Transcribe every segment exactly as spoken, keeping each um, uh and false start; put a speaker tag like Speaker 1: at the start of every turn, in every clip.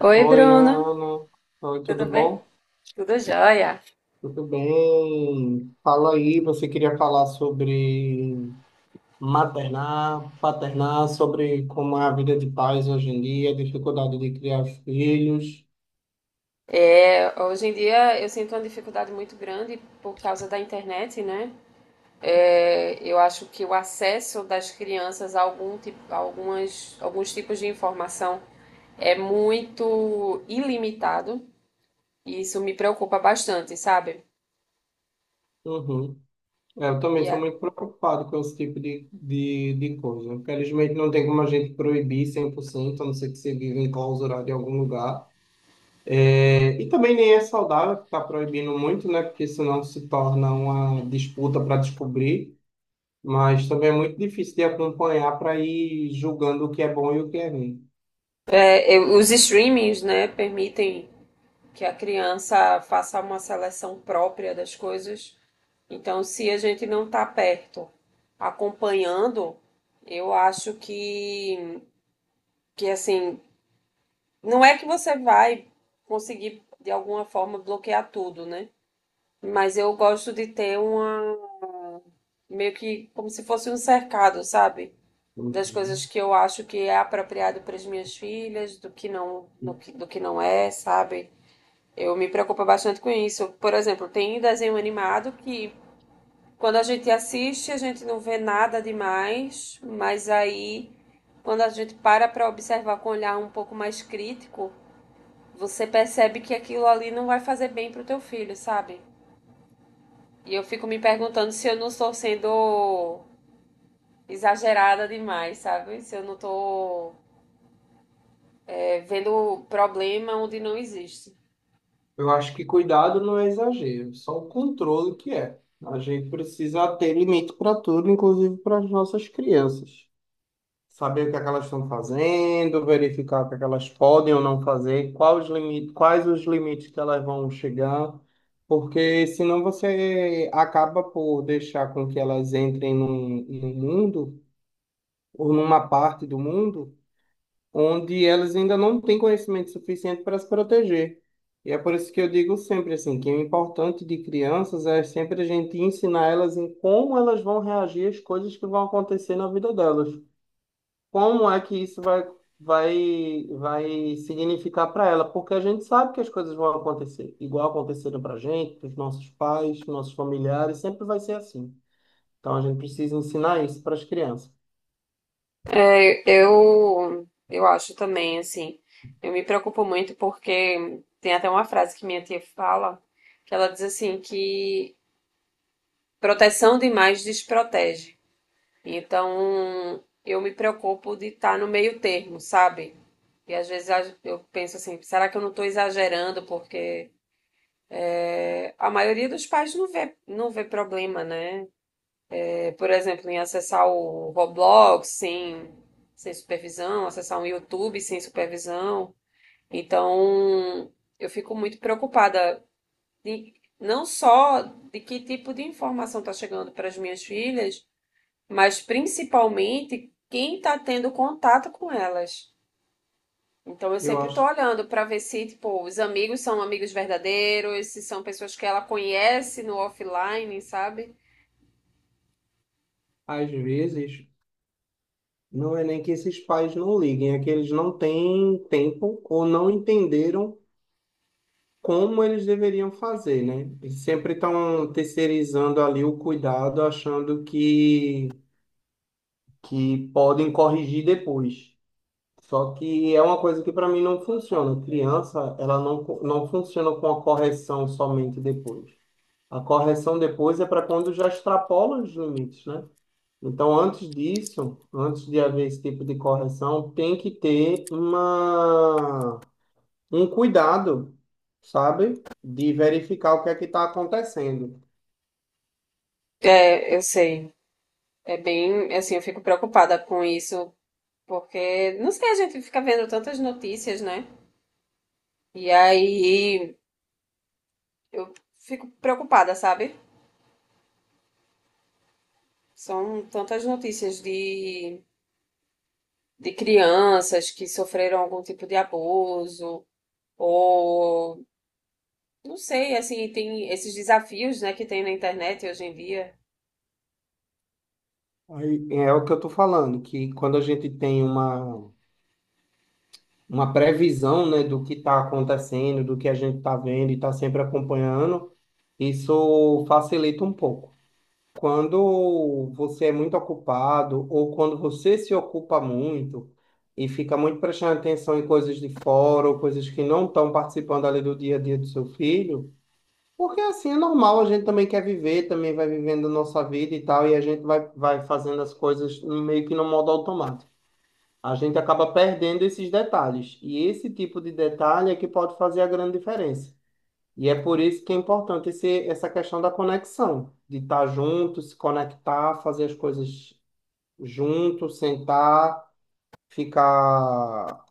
Speaker 1: Oi,
Speaker 2: Oi,
Speaker 1: Bruna.
Speaker 2: Ana. Oi,
Speaker 1: Tudo
Speaker 2: tudo
Speaker 1: bem?
Speaker 2: bom?
Speaker 1: Tudo jóia.
Speaker 2: Tudo bem? Fala aí, você queria falar sobre maternar, paternar, sobre como é a vida de pais hoje em dia, a dificuldade de criar filhos.
Speaker 1: É, hoje em dia eu sinto uma dificuldade muito grande por causa da internet, né? É, eu acho que o acesso das crianças a algum tipo, a algumas, alguns tipos de informação é muito ilimitado e isso me preocupa bastante, sabe?
Speaker 2: Uhum. É, Eu também
Speaker 1: E
Speaker 2: sou
Speaker 1: até-
Speaker 2: muito preocupado com esse tipo de, de, de coisa. Infelizmente, não tem como a gente proibir cem por cento, a não ser que você viva enclausurado em algum lugar. É, E também nem é saudável ficar proibindo muito, né? Porque senão se torna uma disputa para descobrir. Mas também é muito difícil de acompanhar para ir julgando o que é bom e o que é ruim.
Speaker 1: é, os streamings, né, permitem que a criança faça uma seleção própria das coisas. Então, se a gente não está perto, acompanhando, eu acho que, que assim, não é que você vai conseguir de alguma forma bloquear tudo, né? Mas eu gosto de ter uma, meio que como se fosse um cercado, sabe? Das coisas
Speaker 2: Uhum.
Speaker 1: que eu acho que é apropriado para as minhas filhas, do que não, do que, do que não é, sabe? Eu me preocupo bastante com isso. Por exemplo, tem um desenho animado que, quando a gente assiste, a gente não vê nada demais, mas aí quando a gente para para observar com um olhar um pouco mais crítico, você percebe que aquilo ali não vai fazer bem pro teu filho, sabe? E eu fico me perguntando se eu não estou sendo exagerada demais, sabe? Se eu não estou, é, vendo problema onde não existe.
Speaker 2: Eu acho que cuidado não é exagero, só o controle que é. A gente precisa ter limite para tudo, inclusive para as nossas crianças. Saber o que é que elas estão fazendo, verificar o que é que elas podem ou não fazer, quais os limites, quais os limites que elas vão chegar, porque senão você acaba por deixar com que elas entrem num, num mundo ou numa parte do mundo onde elas ainda não têm conhecimento suficiente para se proteger. E é por isso que eu digo sempre assim, que o importante de crianças é sempre a gente ensinar elas em como elas vão reagir às coisas que vão acontecer na vida delas. Como é que isso vai vai vai significar para ela? Porque a gente sabe que as coisas vão acontecer, igual aconteceram para a gente, para os nossos pais, nossos familiares, sempre vai ser assim. Então a gente precisa ensinar isso para as crianças.
Speaker 1: Eu, eu, eu acho também, assim, eu me preocupo muito porque tem até uma frase que minha tia fala, que ela diz assim que proteção demais desprotege. Então, eu me preocupo de estar no meio termo, sabe? E às vezes eu penso assim, será que eu não estou exagerando? Porque é, a maioria dos pais não vê, não vê problema, né? É, por exemplo, em acessar o Roblox sem, sem supervisão, acessar o YouTube sem supervisão. Então, eu fico muito preocupada de, não só de que tipo de informação está chegando para as minhas filhas, mas principalmente quem está tendo contato com elas. Então eu
Speaker 2: Eu
Speaker 1: sempre estou
Speaker 2: acho,
Speaker 1: olhando para ver se, tipo, os amigos são amigos verdadeiros, se são pessoas que ela conhece no offline, sabe?
Speaker 2: às vezes, não é nem que esses pais não liguem, é que eles não têm tempo ou não entenderam como eles deveriam fazer, né? Eles sempre estão terceirizando ali o cuidado, achando que, que podem corrigir depois. Só que é uma coisa que para mim não funciona. Criança, ela não, co- não funciona com a correção somente depois. A correção depois é para quando já extrapola os limites, né? Então, antes disso, antes de haver esse tipo de correção, tem que ter uma, um cuidado, sabe? De verificar o que é que está acontecendo.
Speaker 1: É, eu sei. É bem, assim, eu fico preocupada com isso, porque, não sei, a gente fica vendo tantas notícias, né? E aí eu fico preocupada, sabe? São tantas notícias de, de crianças que sofreram algum tipo de abuso ou, não sei, assim, tem esses desafios, né, que tem na internet hoje em dia.
Speaker 2: Aí, é o que eu estou falando, que quando a gente tem uma, uma previsão, né, do que está acontecendo, do que a gente está vendo e está sempre acompanhando, isso facilita um pouco. Quando você é muito ocupado ou quando você se ocupa muito e fica muito prestando atenção em coisas de fora ou coisas que não estão participando ali do dia a dia do seu filho, porque assim é normal, a gente também quer viver, também vai vivendo a nossa vida e tal, e a gente vai, vai fazendo as coisas meio que no modo automático. A gente acaba perdendo esses detalhes, e esse tipo de detalhe é que pode fazer a grande diferença. E é por isso que é importante esse, essa questão da conexão, de estar junto, se conectar, fazer as coisas junto, sentar, ficar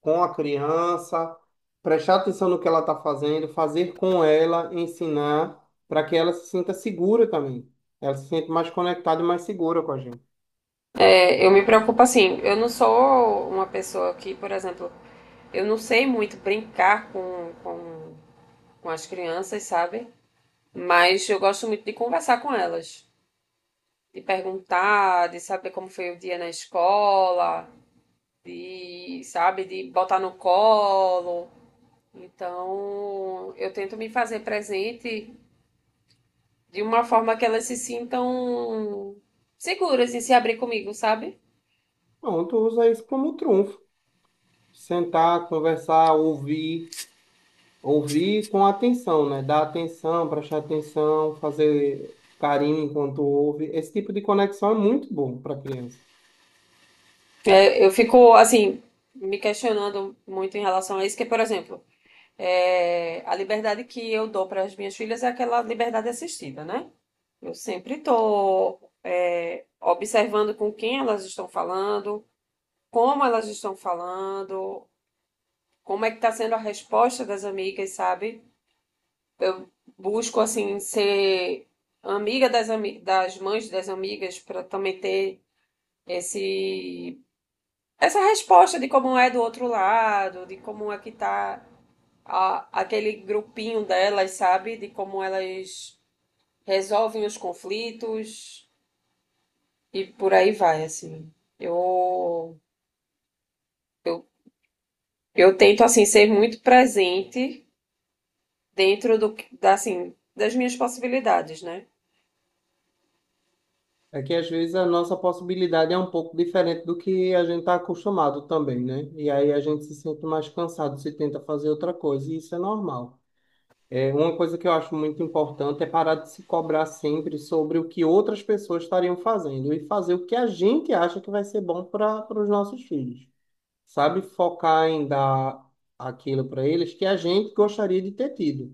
Speaker 2: com a criança, prestar atenção no que ela está fazendo, fazer com ela, ensinar, para que ela se sinta segura também. Ela se sinta mais conectada e mais segura com a gente.
Speaker 1: É, eu me preocupo assim, eu não sou uma pessoa que, por exemplo, eu não sei muito brincar com, com, com as crianças, sabe? Mas eu gosto muito de conversar com elas, de perguntar, de saber como foi o dia na escola, de, sabe, de botar no colo. Então, eu tento me fazer presente de uma forma que elas se sintam seguras em se abrir comigo, sabe?
Speaker 2: Pronto, usa isso como trunfo. Sentar, conversar, ouvir. Ouvir com atenção, né? Dar atenção, prestar atenção, fazer carinho enquanto ouve. Esse tipo de conexão é muito bom para a criança.
Speaker 1: Eu, eu fico, assim, me questionando muito em relação a isso, que, por exemplo, é, a liberdade que eu dou para as minhas filhas é aquela liberdade assistida, né? Eu sempre estou, é, observando com quem elas estão falando, como elas estão falando, como é que está sendo a resposta das amigas, sabe? Busco, assim, ser amiga das, ami, das mães das amigas para também ter esse essa resposta de como é do outro lado, de como é que tá a- aquele grupinho delas, sabe? De como elas resolvem os conflitos e por aí vai, assim. Eu eu, eu tento assim ser muito presente dentro do que- da, assim, das minhas possibilidades, né?
Speaker 2: É que às vezes a nossa possibilidade é um pouco diferente do que a gente está acostumado também, né? E aí a gente se sente mais cansado se tenta fazer outra coisa, e isso é normal. É, uma coisa que eu acho muito importante é parar de se cobrar sempre sobre o que outras pessoas estariam fazendo e fazer o que a gente acha que vai ser bom para os nossos filhos. Sabe? Focar em dar aquilo para eles que a gente gostaria de ter tido.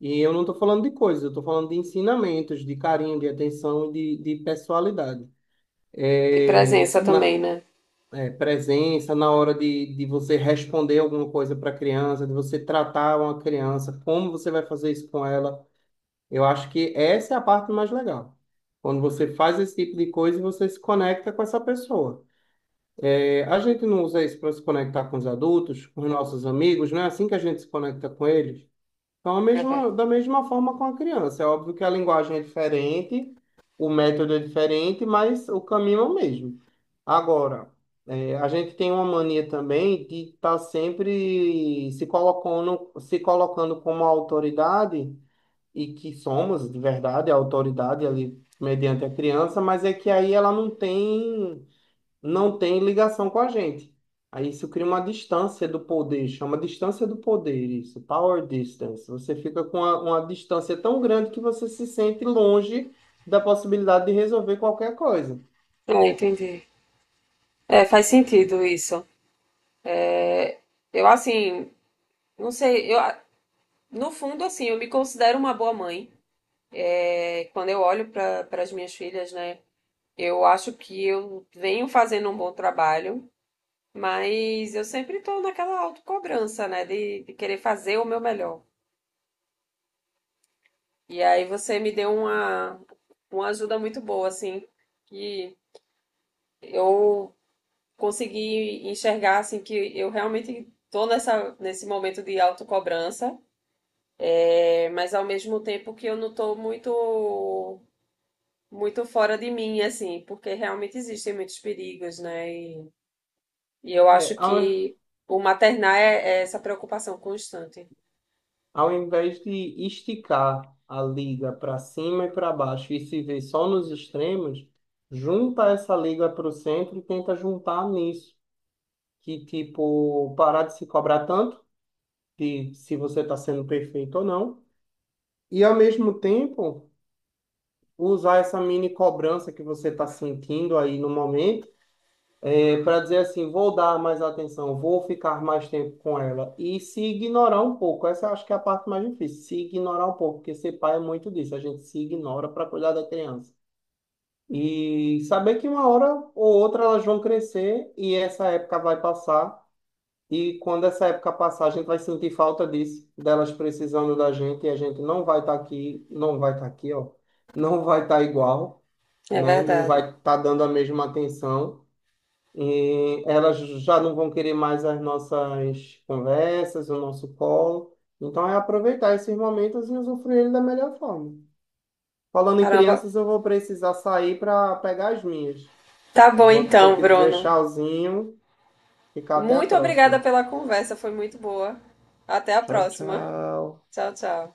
Speaker 2: E eu não estou falando de coisas, eu estou falando de ensinamentos, de carinho, de atenção e de, de pessoalidade.
Speaker 1: De
Speaker 2: É,
Speaker 1: presença
Speaker 2: na,
Speaker 1: também, né?
Speaker 2: é, Presença na hora de, de você responder alguma coisa para a criança, de você tratar uma criança, como você vai fazer isso com ela. Eu acho que essa é a parte mais legal. Quando você faz esse tipo de coisa e você se conecta com essa pessoa. A gente não usa isso para se conectar com os adultos, com os nossos amigos, não é assim que a gente se conecta com eles? Então, a
Speaker 1: É, verdade.
Speaker 2: mesma, da mesma forma com a criança. É óbvio que a linguagem é diferente, o método é diferente, mas o caminho é o mesmo. Agora, é, a gente tem uma mania também de estar sempre se colocando, se colocando como autoridade, e que somos, de verdade, a autoridade ali mediante a criança, mas é que aí ela não tem não tem ligação com a gente. Aí isso cria uma distância do poder, chama distância do poder, isso, power distance. Você fica com uma, uma distância tão grande que você se sente longe da possibilidade de resolver qualquer coisa.
Speaker 1: Ah, entendi. É, faz sentido isso. Eu assim, não sei, eu no fundo assim, eu me considero uma boa mãe. É, quando eu olho para as minhas filhas, né, eu acho que eu venho fazendo um bom trabalho, mas eu sempre estou naquela autocobrança, né, de, de querer fazer o meu melhor. E aí você me deu uma, uma ajuda muito boa, assim, que eu consegui enxergar, assim, que eu realmente estou nessa, nesse momento de autocobrança, é, mas ao mesmo tempo que eu não estou muito muito fora de mim, assim, porque realmente existem muitos perigos, né? E E eu
Speaker 2: É,
Speaker 1: acho
Speaker 2: ao,
Speaker 1: que o maternar é, é essa preocupação constante.
Speaker 2: Ao invés de esticar a liga para cima e para baixo e se ver só nos extremos, junta essa liga para o centro e tenta juntar nisso. Que, tipo, parar de se cobrar tanto, de se você está sendo perfeito ou não. E ao mesmo tempo, usar essa mini cobrança que você está sentindo aí no momento, é, para dizer assim, vou dar mais atenção, vou ficar mais tempo com ela e se ignorar um pouco. Essa eu acho que é a parte mais difícil, se ignorar um pouco, porque ser pai é muito disso, a gente se ignora para cuidar da criança. E saber que uma hora ou outra elas vão crescer e essa época vai passar. E quando essa época passar, a gente vai sentir falta disso, delas precisando da gente, e a gente não vai estar aqui, não vai estar aqui, ó, não vai estar igual,
Speaker 1: É
Speaker 2: né? Não
Speaker 1: verdade.
Speaker 2: vai estar dando a mesma atenção. E elas já não vão querer mais as nossas conversas, o nosso colo. Então é aproveitar esses momentos e usufruir ele da melhor forma. Falando em
Speaker 1: Caramba.
Speaker 2: crianças, eu vou precisar sair para pegar as minhas.
Speaker 1: Tá bom
Speaker 2: Vou ter
Speaker 1: então,
Speaker 2: que dizer
Speaker 1: Bruno.
Speaker 2: tchauzinho, ficar até a
Speaker 1: Muito obrigada
Speaker 2: próxima.
Speaker 1: pela conversa, foi muito boa. Até a
Speaker 2: Tchau,
Speaker 1: próxima.
Speaker 2: tchau.
Speaker 1: Tchau, tchau.